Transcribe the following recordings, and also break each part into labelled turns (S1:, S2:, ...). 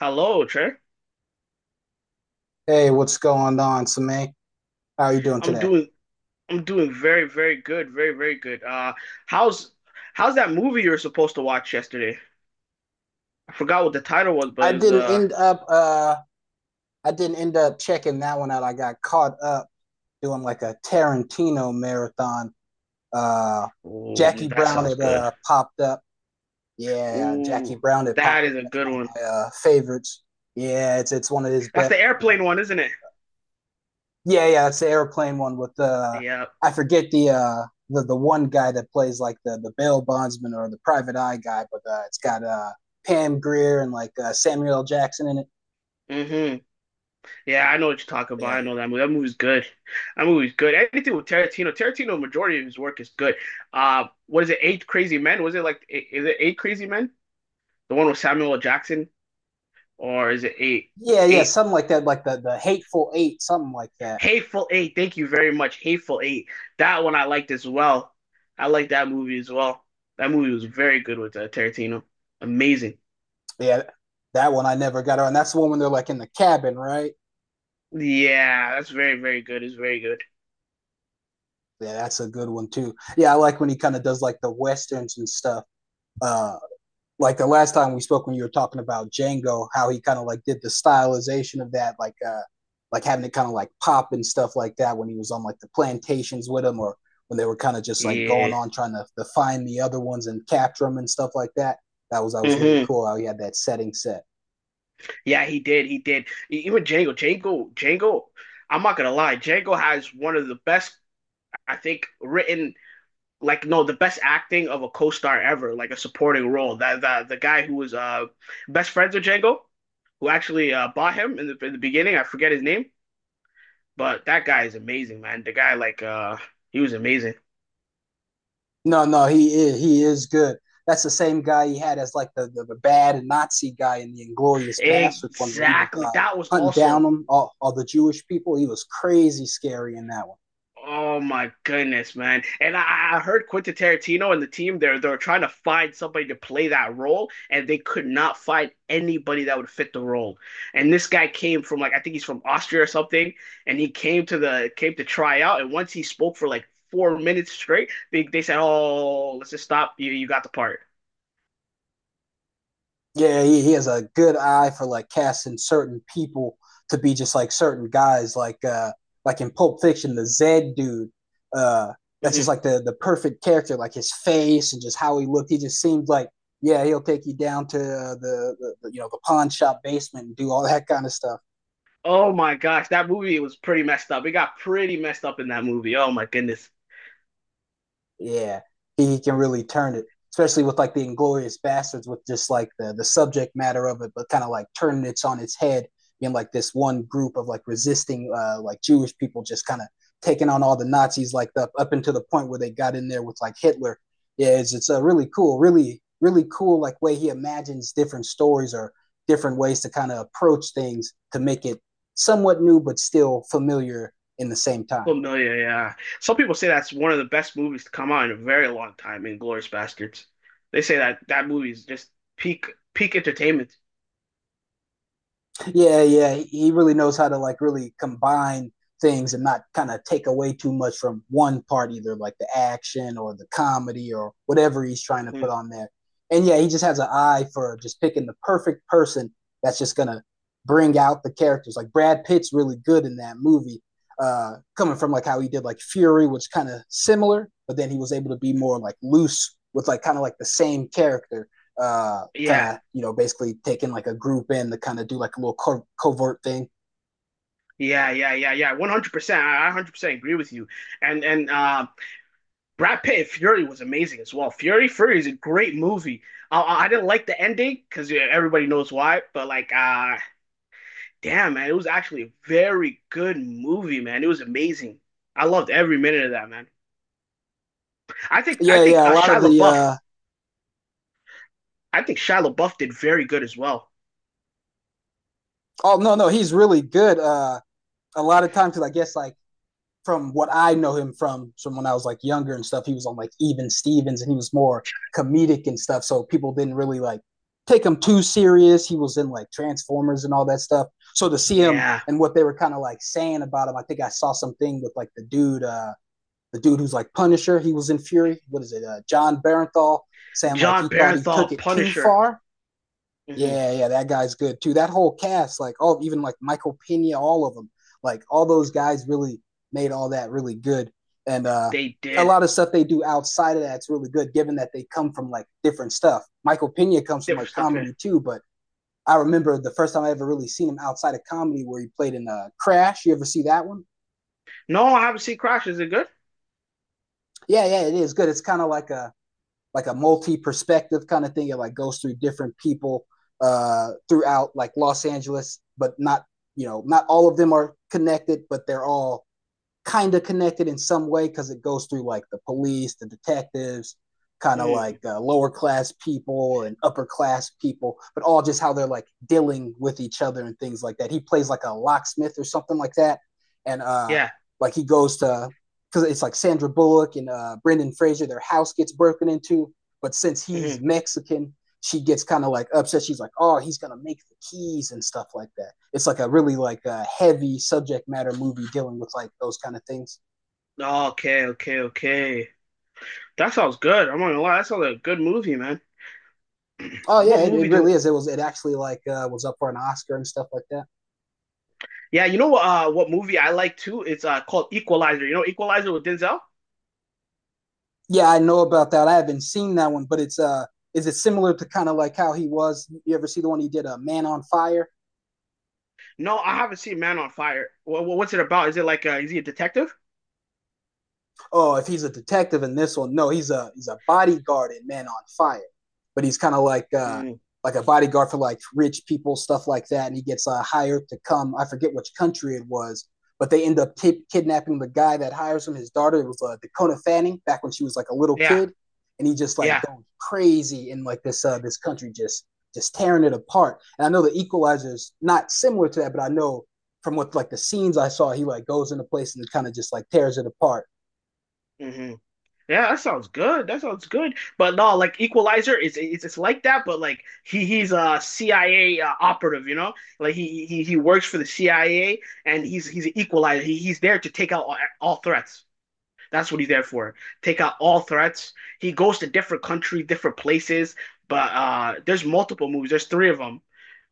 S1: Hello, sir.
S2: Hey, what's going on, Samay? How are you doing
S1: I'm
S2: today?
S1: doing I'm doing very, very good, very, very good. How's how's that movie you were supposed to watch yesterday? I forgot what the title was, but
S2: I
S1: it was
S2: didn't end up uh I didn't end up checking that one out. I got caught up doing like a Tarantino marathon. Uh
S1: ooh,
S2: Jackie
S1: that
S2: Brown
S1: sounds
S2: had
S1: good.
S2: popped up. Yeah, Jackie
S1: Ooh,
S2: Brown had
S1: that
S2: popped up.
S1: is a
S2: That's
S1: good
S2: one of
S1: one.
S2: my favorites. Yeah, it's one of his
S1: That's
S2: best
S1: the airplane one, isn't it?
S2: yeah, yeah, it's the airplane one with the
S1: Yeah.
S2: I forget the one guy that plays like the bail bondsman or the private eye guy, but it's got Pam Grier and Samuel L. Jackson in it.
S1: hmm Yeah, I know what you're talking about.
S2: Yeah,
S1: I know that movie. That movie's good. That movie's good. Anything with Tarantino, majority of his work is good. What is it? Eight Crazy Men? Was it like, is it Eight Crazy Men? The one with Samuel L. Jackson, or is it eight?
S2: yeah, yeah, yeah,
S1: Eight.
S2: something like that, like the Hateful Eight, something like that.
S1: Hateful Eight. Thank you very much. Hateful Eight. That one I liked as well. I liked that movie as well. That movie was very good with Tarantino. Amazing.
S2: Yeah, that one I never got on. That's the one when they're like in the cabin, right?
S1: Yeah, that's very, very good. It's very good.
S2: Yeah, that's a good one too. Yeah, I like when he kind of does like the westerns and stuff. Uh, like the last time we spoke when you were talking about Django, how he kind of like did the stylization of that, like having it kind of like pop and stuff like that when he was on like the plantations with him, or when they were kind of just like going
S1: Yeah.
S2: on trying to find the other ones and capture them and stuff like that. That was really
S1: hmm
S2: cool how he had that setting set.
S1: Yeah, he did. Even Django. Django. Django. I'm not gonna lie. Django has one of the best, I think, written like no the best acting of a co-star ever, like a supporting role. That the guy who was best friends with Django, who actually bought him in the beginning, I forget his name, but that guy is amazing, man. The guy, like, he was amazing,
S2: No, no, he is good. That's the same guy he had as like the bad Nazi guy in the Inglorious Bastards one where he was
S1: exactly. That was
S2: hunting down
S1: also
S2: them all the Jewish people. He was crazy scary in that one.
S1: oh my goodness, man! And I heard Quentin Tarantino and the team, they are trying to find somebody to play that role, and they could not find anybody that would fit the role. And this guy came from, like, I think he's from Austria or something, and he came to try out. And once he spoke for like 4 minutes straight, they said, "Oh, let's just stop. You got the part."
S2: Yeah, he has a good eye for like casting certain people to be just like certain guys, like in Pulp Fiction, the Zed dude. Uh that's just
S1: Mhm.
S2: like the perfect character, like his face and just how he looked. He just seemed like yeah, he'll take you down to the you know the pawn shop basement and do all that kind of stuff.
S1: Oh my gosh, that movie was pretty messed up. It got pretty messed up in that movie. Oh my goodness.
S2: Yeah, he can really turn it, especially with like the Inglorious Bastards, with just like the subject matter of it, but kind of like turning it on its head in like this one group of like resisting like Jewish people just kind of taking on all the Nazis like the, up until the point where they got in there with like Hitler. Yeah, it's a really cool, really really cool like way he imagines different stories or different ways to kind of approach things to make it somewhat new but still familiar in the same time.
S1: Familiar, yeah. Some people say that's one of the best movies to come out in a very long time, Inglourious Bastards. They say that that movie is just peak peak entertainment.
S2: Yeah, yeah, he really knows how to like really combine things and not kind of take away too much from one part, either like the action or the comedy or whatever he's trying to put
S1: Mhm.
S2: on there. And yeah, he just has an eye for just picking the perfect person that's just gonna bring out the characters. Like Brad Pitt's really good in that movie, coming from like how he did like Fury, which kind of similar, but then he was able to be more like loose with like kind of like the same character kind
S1: Yeah,
S2: of you know basically taking like a group in to kind of do like a little covert thing.
S1: yeah, yeah, yeah, yeah. 100%. I 100% agree with you. And Brad Pitt in Fury was amazing as well. Fury, Fury is a great movie. I didn't like the ending because, yeah, everybody knows why, but, like, damn, man, it was actually a very good movie, man. It was amazing. I loved every minute of that, man. I think I
S2: Yeah,
S1: think
S2: yeah. A
S1: uh,
S2: lot
S1: Shia
S2: of the
S1: LaBeouf I think Shia LaBeouf did very good as well.
S2: oh no no he's really good. A lot of times because I guess like from what I know him from when I was like younger and stuff, he was on like Even Stevens and he was more comedic and stuff. So people didn't really like take him too serious. He was in like Transformers and all that stuff. So to see him
S1: Yeah,
S2: and what they were kind of like saying about him, I think I saw something with like the dude. The dude who's like Punisher, he was in Fury. What is it? John Barenthal saying like
S1: John
S2: he thought he took
S1: Barenthal,
S2: it too
S1: Punisher.
S2: far.
S1: hmm
S2: Yeah, yeah, that guy's good too. That whole cast, like oh, even like Michael Pena, all of them, like all those guys really made all that really good. And
S1: They
S2: a
S1: did
S2: lot of stuff they do outside of that's really good, given that they come from like different stuff. Michael Pena comes from
S1: different
S2: like
S1: stuff here.
S2: comedy too, but I remember the first time I ever really seen him outside of comedy, where he played in Crash. You ever see that one?
S1: No, I haven't seen Crash. Is it good?
S2: Yeah, yeah, it is good. It's kind of like a multi-perspective kind of thing. It like goes through different people throughout like Los Angeles, but not you know not all of them are connected, but they're all kind of connected in some way because it goes through like the police, the detectives, kind of like
S1: hmm
S2: uh, lower class people and upper class people, but all just how they're like dealing with each other and things like that. He plays like a locksmith or something like that, and
S1: Yeah.
S2: like he goes to because it's like Sandra Bullock and Brendan Fraser, their house gets broken into, but since he's
S1: hmm
S2: Mexican, she gets kind of like upset. She's like, "Oh, he's gonna make the keys and stuff like that." It's like a really like a heavy subject matter movie dealing with like those kind of things.
S1: Okay, okay, okay. That sounds good. I'm not gonna lie. That sounds like a good movie, man.
S2: Oh yeah,
S1: What
S2: it
S1: movie
S2: really
S1: do?
S2: is. It was it actually like was up for an Oscar and stuff like that.
S1: Yeah, you know what? What movie I like too? It's called Equalizer. You know Equalizer with Denzel?
S2: Yeah, I know about that. I haven't seen that one, but it's is it similar to kind of like how he was? You ever see the one he did, a Man on Fire?
S1: No, I haven't seen Man on Fire. What's it about? Is it like is he a detective?
S2: Oh, if he's a detective in this one, no, he's a bodyguard in Man on Fire, but he's kind of
S1: Mm.
S2: like a bodyguard for like rich people, stuff like that, and he gets hired to come. I forget which country it was, but they end up kidnapping the guy that hires him. His daughter it was Dakota Fanning back when she was like a little
S1: Yeah,
S2: kid, and he just like
S1: yeah.
S2: goes crazy in like this this country just tearing it apart. And I know the Equalizer is not similar to that, but I know from what like the scenes I saw, he like goes into place and kind of just like tears it apart.
S1: hmm Yeah, that sounds good. That sounds good. But no, like, Equalizer is it's like that, but like he's a CIA operative, you know? Like he works for the CIA and he's an equalizer. He's there to take out all threats. That's what he's there for. Take out all threats. He goes to different countries, different places, but there's multiple movies. There's three of them.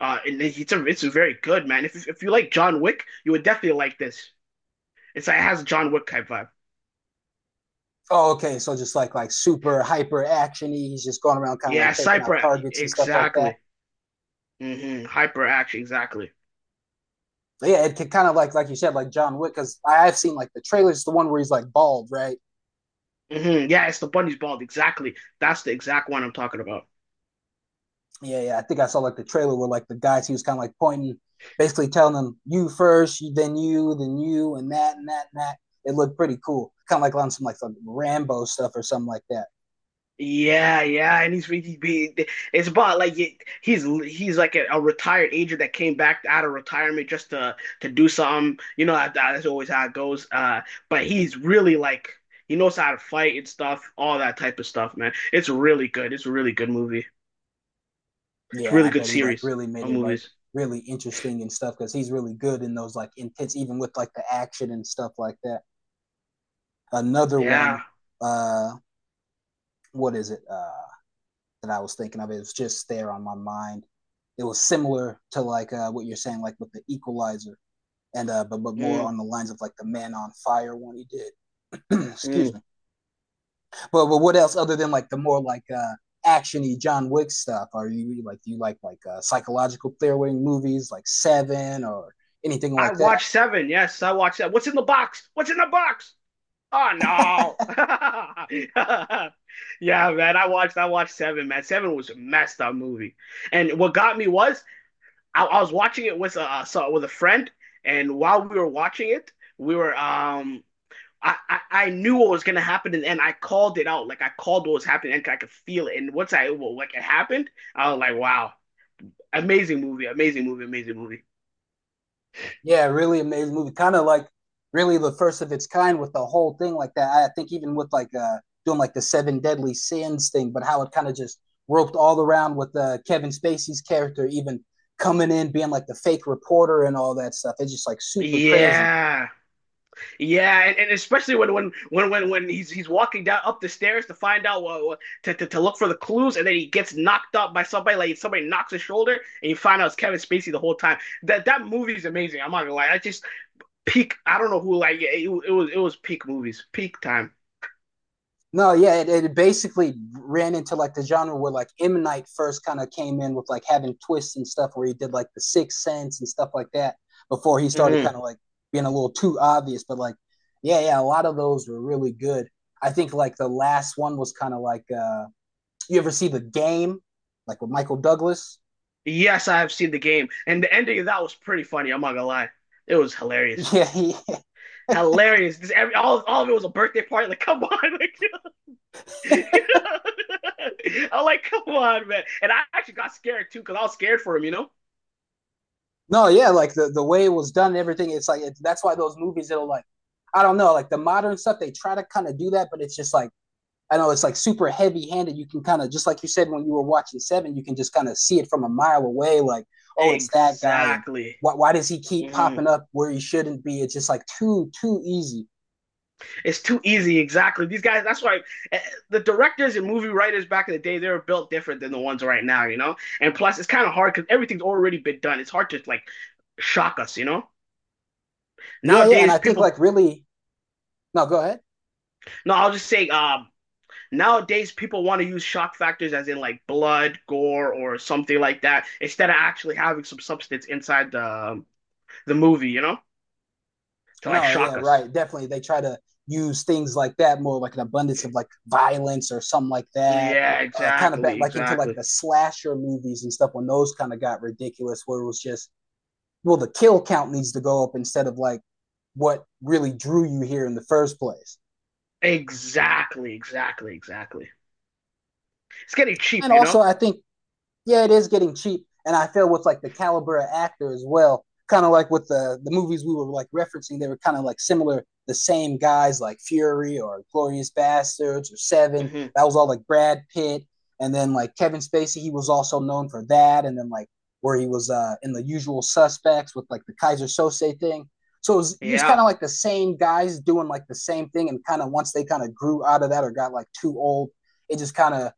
S1: And it's it's very good, man. If you like John Wick, you would definitely like this. It's like it has a John Wick type vibe.
S2: Oh, okay. So just like super hyper actiony. He's just going around kind of like
S1: Yeah,
S2: taking out
S1: Cypher,
S2: targets and stuff like that.
S1: exactly. Hyperaction, exactly.
S2: But yeah, it could kind of like you said, like John Wick, because I've seen like the trailers, the one where he's like bald, right?
S1: Yeah, it's the bunny's bald, exactly. That's the exact one I'm talking about.
S2: Yeah, yeah. I think I saw like the trailer where like the guys he was kind of like pointing, basically telling them you first, then you, and that and that and that. It looked pretty cool, kind of like on some like some Rambo stuff or something like that.
S1: Yeah, yeah, and he's really big. It's about, like, he's like a retired agent that came back out of retirement just to do something. You know, that's always how it goes. But he's really like he knows how to fight and stuff, all that type of stuff, man. It's really good. It's a really good movie. It's a
S2: Yeah, and I
S1: really good
S2: bet he like
S1: series
S2: really made
S1: of
S2: it like
S1: movies.
S2: really interesting and stuff because he's really good in those like intense, even with like the action and stuff like that. Another
S1: Yeah.
S2: one. Uh, what is it that I was thinking of? It was just there on my mind. It was similar to like what you're saying, like with the Equalizer, and but more
S1: Mm,
S2: on the lines of like the Man on Fire one he did.
S1: mm.
S2: Excuse me. But what else other than like the more like actiony John Wick stuff? Are you like do you like psychological thriller movies like Seven or anything
S1: I
S2: like that?
S1: watched Seven. Yes, I watched that. What's in the box? What's in the box? Oh no. Yeah, man. I watched Seven, man. Seven was a messed up movie. And what got me was I was watching it with a so with a friend, and while we were watching it, we were I knew what was gonna happen, and I called it out. Like, I called what was happening and I could feel it. And once I well, like, it happened, I was like, wow, amazing movie, amazing movie, amazing movie.
S2: Yeah, really amazing movie. Kind of like really the first of its kind with the whole thing like that. I think even with like doing like the seven deadly sins thing, but how it kind of just roped all around with Kevin Spacey's character even coming in being like the fake reporter and all that stuff. It's just like super crazy.
S1: Yeah. Yeah, and especially when when he's walking down up the stairs to find out what, to look for the clues, and then he gets knocked up by somebody, like somebody knocks his shoulder, and you find out it's Kevin Spacey the whole time. That that movie is amazing. I'm not gonna lie, I just peak. I don't know who like it, it was peak movies, peak time.
S2: No, yeah, it basically ran into like the genre where like M Night first kind of came in with like having twists and stuff where he did like the Sixth Sense and stuff like that before he started
S1: hmm
S2: kind of like being a little too obvious. But like, yeah, yeah, a lot of those were really good. I think like the last one was kind of like you ever see the game like with Michael Douglas?
S1: Yes, I have seen the game, and the ending of that was pretty funny. I'm not gonna lie, it was hilarious,
S2: Yeah, he,
S1: hilarious. This every all of it was a birthday party. Like, come on, like, I'm like, come on, man. And I actually got scared too because I was scared for him, you know?
S2: no, yeah, like the way it was done, and everything. It's like it, that's why those movies it'll like I don't know, like the modern stuff they try to kind of do that, but it's just like I know it's like super heavy handed. You can kind of just like you said when you were watching Seven, you can just kind of see it from a mile away. Like, oh, it's that guy, and
S1: Exactly.
S2: why does he keep
S1: Mhm.
S2: popping up where he shouldn't be? It's just like too easy.
S1: It's too easy. Exactly. These guys, that's why eh, the directors and movie writers back in the day, they were built different than the ones right now, you know? And plus, it's kind of hard because everything's already been done. It's hard to, like, shock us, you know?
S2: Yeah, yeah, and
S1: Nowadays,
S2: I think
S1: people,
S2: like really no, go ahead.
S1: no, I'll just say, nowadays, people want to use shock factors as in like blood, gore, or something like that instead of actually having some substance inside um, the movie, you know, to like
S2: No, yeah,
S1: shock us.
S2: right, definitely. They try to use things like that more, like an abundance of like violence or something like that.
S1: Yeah,
S2: Kind of
S1: exactly,
S2: back like into like
S1: exactly,
S2: the slasher movies and stuff when those kind of got ridiculous, where it was just well, the kill count needs to go up instead of like what really drew you here in the first place.
S1: exactly, exactly, exactly. It's getting
S2: And
S1: cheap, you
S2: also,
S1: know.
S2: I think yeah, it is getting cheap. And I feel with like the caliber of actor as well, kind of like with the movies we were like referencing, they were kind of like similar, the same guys like Fury or Glorious Bastards or Seven.
S1: hmm
S2: That was all like Brad Pitt, and then like Kevin Spacey, he was also known for that, and then like where he was in the Usual Suspects with like the Kaiser Soze thing. So it was just
S1: Yeah,
S2: kind of like the same guys doing like the same thing, and kind of once they kind of grew out of that or got like too old, it just kind of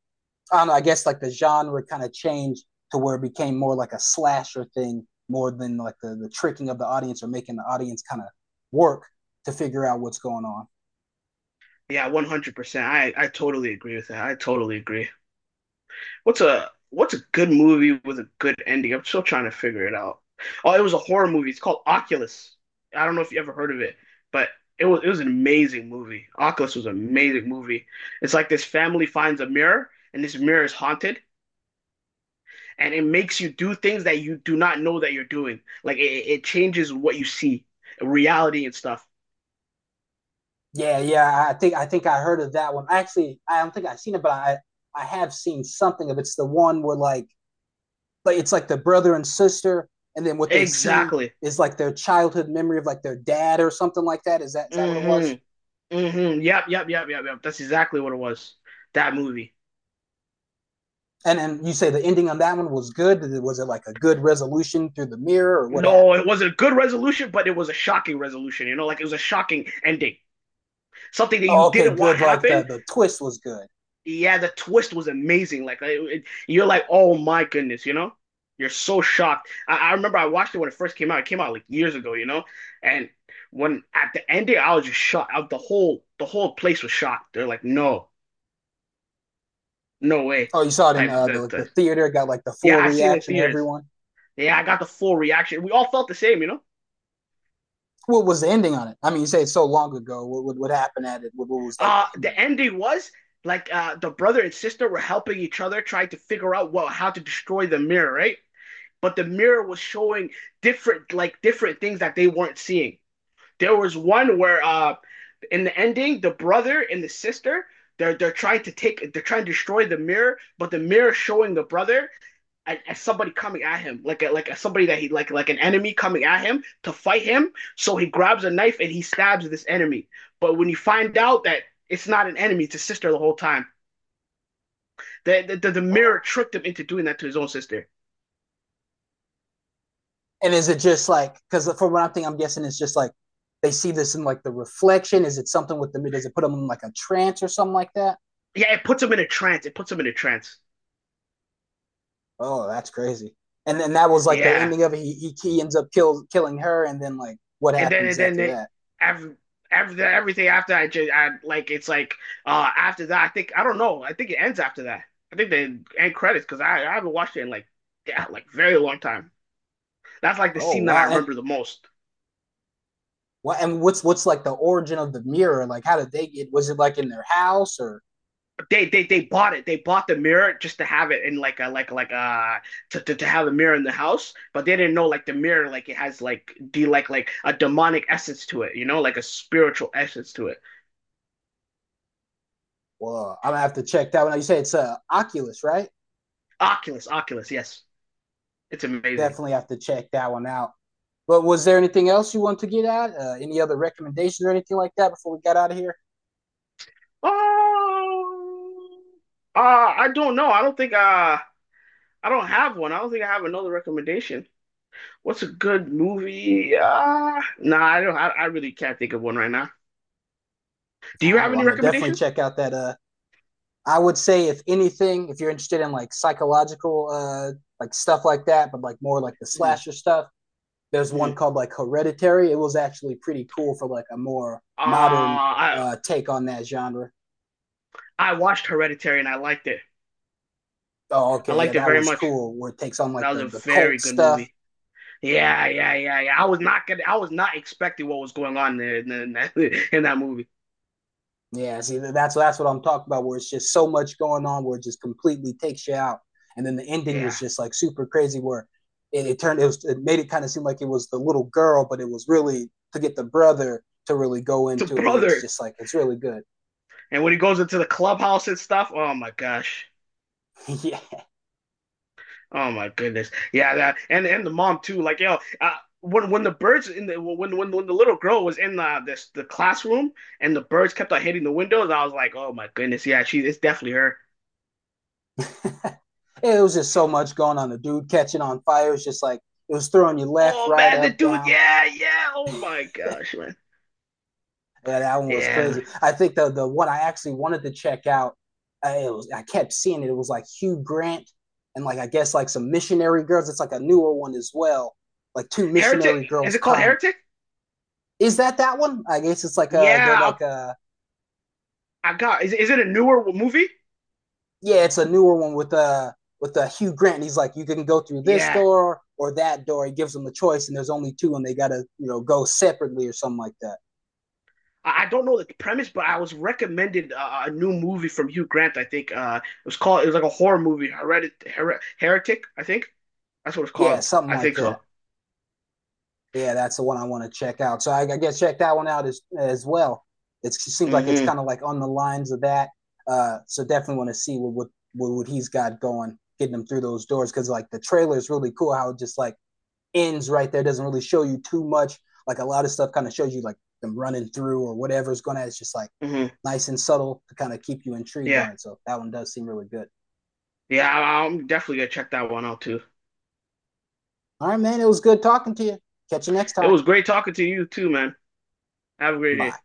S2: I don't know, I guess like the genre kind of changed to where it became more like a slasher thing more than like the tricking of the audience or making the audience kind of work to figure out what's going on.
S1: yeah, 100%. I totally agree with that. I totally agree. What's a good movie with a good ending? I'm still trying to figure it out. Oh, it was a horror movie. It's called Oculus. I don't know if you ever heard of it, but it was an amazing movie. Oculus was an amazing movie. It's like this family finds a mirror, and this mirror is haunted, and it makes you do things that you do not know that you're doing. Like, it changes what you see, reality and stuff.
S2: Yeah, yeah, I think I heard of that one. Actually, I don't think I've seen it, but I have seen something of it. It's the one where like it's like the brother and sister, and then what they see
S1: Exactly.
S2: is like their childhood memory of like their dad or something like that. Is that what
S1: hmm
S2: it was?
S1: Yep, yep, yep, yep, yep. That's exactly what it was. That movie.
S2: And then you say the ending on that one was good. Was it like a good resolution through the mirror or what
S1: No,
S2: happened?
S1: it wasn't a good resolution, but it was a shocking resolution, you know, like, it was a shocking ending. Something that you
S2: Oh, okay,
S1: didn't want
S2: good. Like
S1: happen.
S2: the twist was good.
S1: Yeah, the twist was amazing. Like, you're like, oh my goodness, you know, you're so shocked. I remember I watched it when it first came out. It came out like years ago, you know, and when at the end there, I was just shocked. I, the whole place was shocked. They're like, no, no way,
S2: Oh, you saw it in
S1: type.
S2: the like the
S1: The
S2: theater. Got like the full
S1: Yeah, I seen it in
S2: reaction.
S1: theaters.
S2: Everyone.
S1: Yeah, I got the full reaction. We all felt the same, you know.
S2: What was the ending on it? I mean, you say it's so long ago. What happened at it? What was like the
S1: Uh, the
S2: ending?
S1: ending was like, the brother and sister were helping each other, trying to figure out what how to destroy the mirror, right? But the mirror was showing different, like, different things that they weren't seeing. There was one where in the ending, the brother and the sister, they're trying to take they're trying to destroy the mirror, but the mirror showing the brother as, somebody coming at him, like a, somebody that he like an enemy coming at him to fight him. So he grabs a knife and he stabs this enemy. But when you find out that it's not an enemy, it's a sister the whole time. The mirror
S2: Oh,
S1: tricked him into doing that to his own sister.
S2: and is it just like because for what I'm thinking, I'm guessing it's just like they see this in like the reflection. Is it something with the does it put them in like a trance or something like that?
S1: Yeah, it puts him in a trance. It puts him in a trance.
S2: Oh, that's crazy. And then that was like the
S1: Yeah,
S2: ending of it. He ends up killing her, and then like what
S1: and then
S2: happens
S1: and then
S2: after
S1: it,
S2: that?
S1: every, everything after I just I like it's like after that I think I don't know I think it ends after that, I think the end credits, because I haven't watched it in like yeah like very long time. That's like the
S2: Oh,
S1: scene that I
S2: wow! And
S1: remember the most.
S2: what and what's like the origin of the mirror? Like, how did they get? Was it like in their house or?
S1: They bought it. They bought the mirror just to have it in like a like to, to have a mirror in the house, but they didn't know like the mirror like it has like de like a demonic essence to it, you know, like a spiritual essence to it.
S2: Well, I'm gonna have to check that one out. You say it's Oculus, right?
S1: Oculus, Oculus, yes, it's amazing.
S2: Definitely have to check that one out. But was there anything else you want to get at? Any other recommendations or anything like that before we got out of here?
S1: Oh, I don't know. I don't think I don't have one. I don't think I have another recommendation. What's a good movie? Nah, I don't. I really can't think of one right now. Do
S2: All
S1: you
S2: right.
S1: have
S2: Well,
S1: any
S2: I'm gonna definitely
S1: recommendations?
S2: check out that. I would say if anything, if you're interested in like psychological, like stuff like that, but like more like the
S1: hmm
S2: slasher stuff, there's
S1: hmm Uh,
S2: one called like Hereditary. It was actually pretty cool for like a more modern
S1: I
S2: take on that genre.
S1: I watched Hereditary and I liked it.
S2: Oh,
S1: I
S2: okay, yeah,
S1: liked it
S2: that
S1: very
S2: one's
S1: much.
S2: cool. Where it takes on
S1: That
S2: like
S1: was a
S2: the
S1: very
S2: cult
S1: good
S2: stuff.
S1: movie. Yeah, yeah, yeah, yeah. I was not gonna. I was not expecting what was going on there in that in that movie.
S2: Yeah, see, that's what I'm talking about. Where it's just so much going on, where it just completely takes you out. And then the ending
S1: Yeah,
S2: was just like super crazy, where it turned it was it made it kind of seem like it was the little girl, but it was really to get the brother to really go
S1: it's a
S2: into it. It's
S1: brother,
S2: just like it's really good.
S1: and when he goes into the clubhouse and stuff, oh my gosh.
S2: Yeah,
S1: Oh my goodness. Yeah, that and the mom too. Like, yo, when the birds in the when when the little girl was in the this the classroom and the birds kept on hitting the windows, I was like, oh my goodness, yeah, she it's definitely her.
S2: it was just so much going on. The dude catching on fire. It's just like it was throwing you left,
S1: Oh
S2: right,
S1: man, the
S2: up,
S1: dude,
S2: down.
S1: yeah, yeah. Oh my gosh, man.
S2: Yeah, that one was
S1: Yeah.
S2: crazy. I think the one I actually wanted to check out, I, it was I kept seeing it. It was like Hugh Grant and like I guess like some missionary girls. It's like a newer one as well. Like two
S1: Heretic,
S2: missionary
S1: is
S2: girls
S1: it called
S2: come.
S1: Heretic?
S2: Is that that one? I guess it's like a they're
S1: Yeah,
S2: like a
S1: I got. Is it a newer movie?
S2: yeah, it's a newer one with a Hugh Grant. And he's like, you can go through this
S1: Yeah.
S2: door or that door. He gives them a choice, and there's only two, and they gotta you know go separately or something like that.
S1: I don't know the premise, but I was recommended a new movie from Hugh Grant. I think it was called. It was like a horror movie, Heredit, Her Heretic, I think. That's what it's
S2: Yeah,
S1: called.
S2: something
S1: I
S2: like
S1: think
S2: that.
S1: so.
S2: Yeah, that's the one I want to check out. So I guess check that one out as well. It's, it seems like it's
S1: hmm
S2: kind of like on the lines of that. So definitely want to see what what he's got going, getting him through those doors because like the trailer is really cool. How it just like ends right there, doesn't really show you too much. Like a lot of stuff kind of shows you like them running through or whatever's going to. It's just like
S1: hmm
S2: nice and subtle to kind of keep you intrigued on
S1: Yeah.
S2: it. So that one does seem really good.
S1: Yeah, I'm definitely gonna check that one out too.
S2: All right, man. It was good talking to you. Catch you next
S1: It
S2: time.
S1: was great talking to you too, man. Have a great day.
S2: Bye.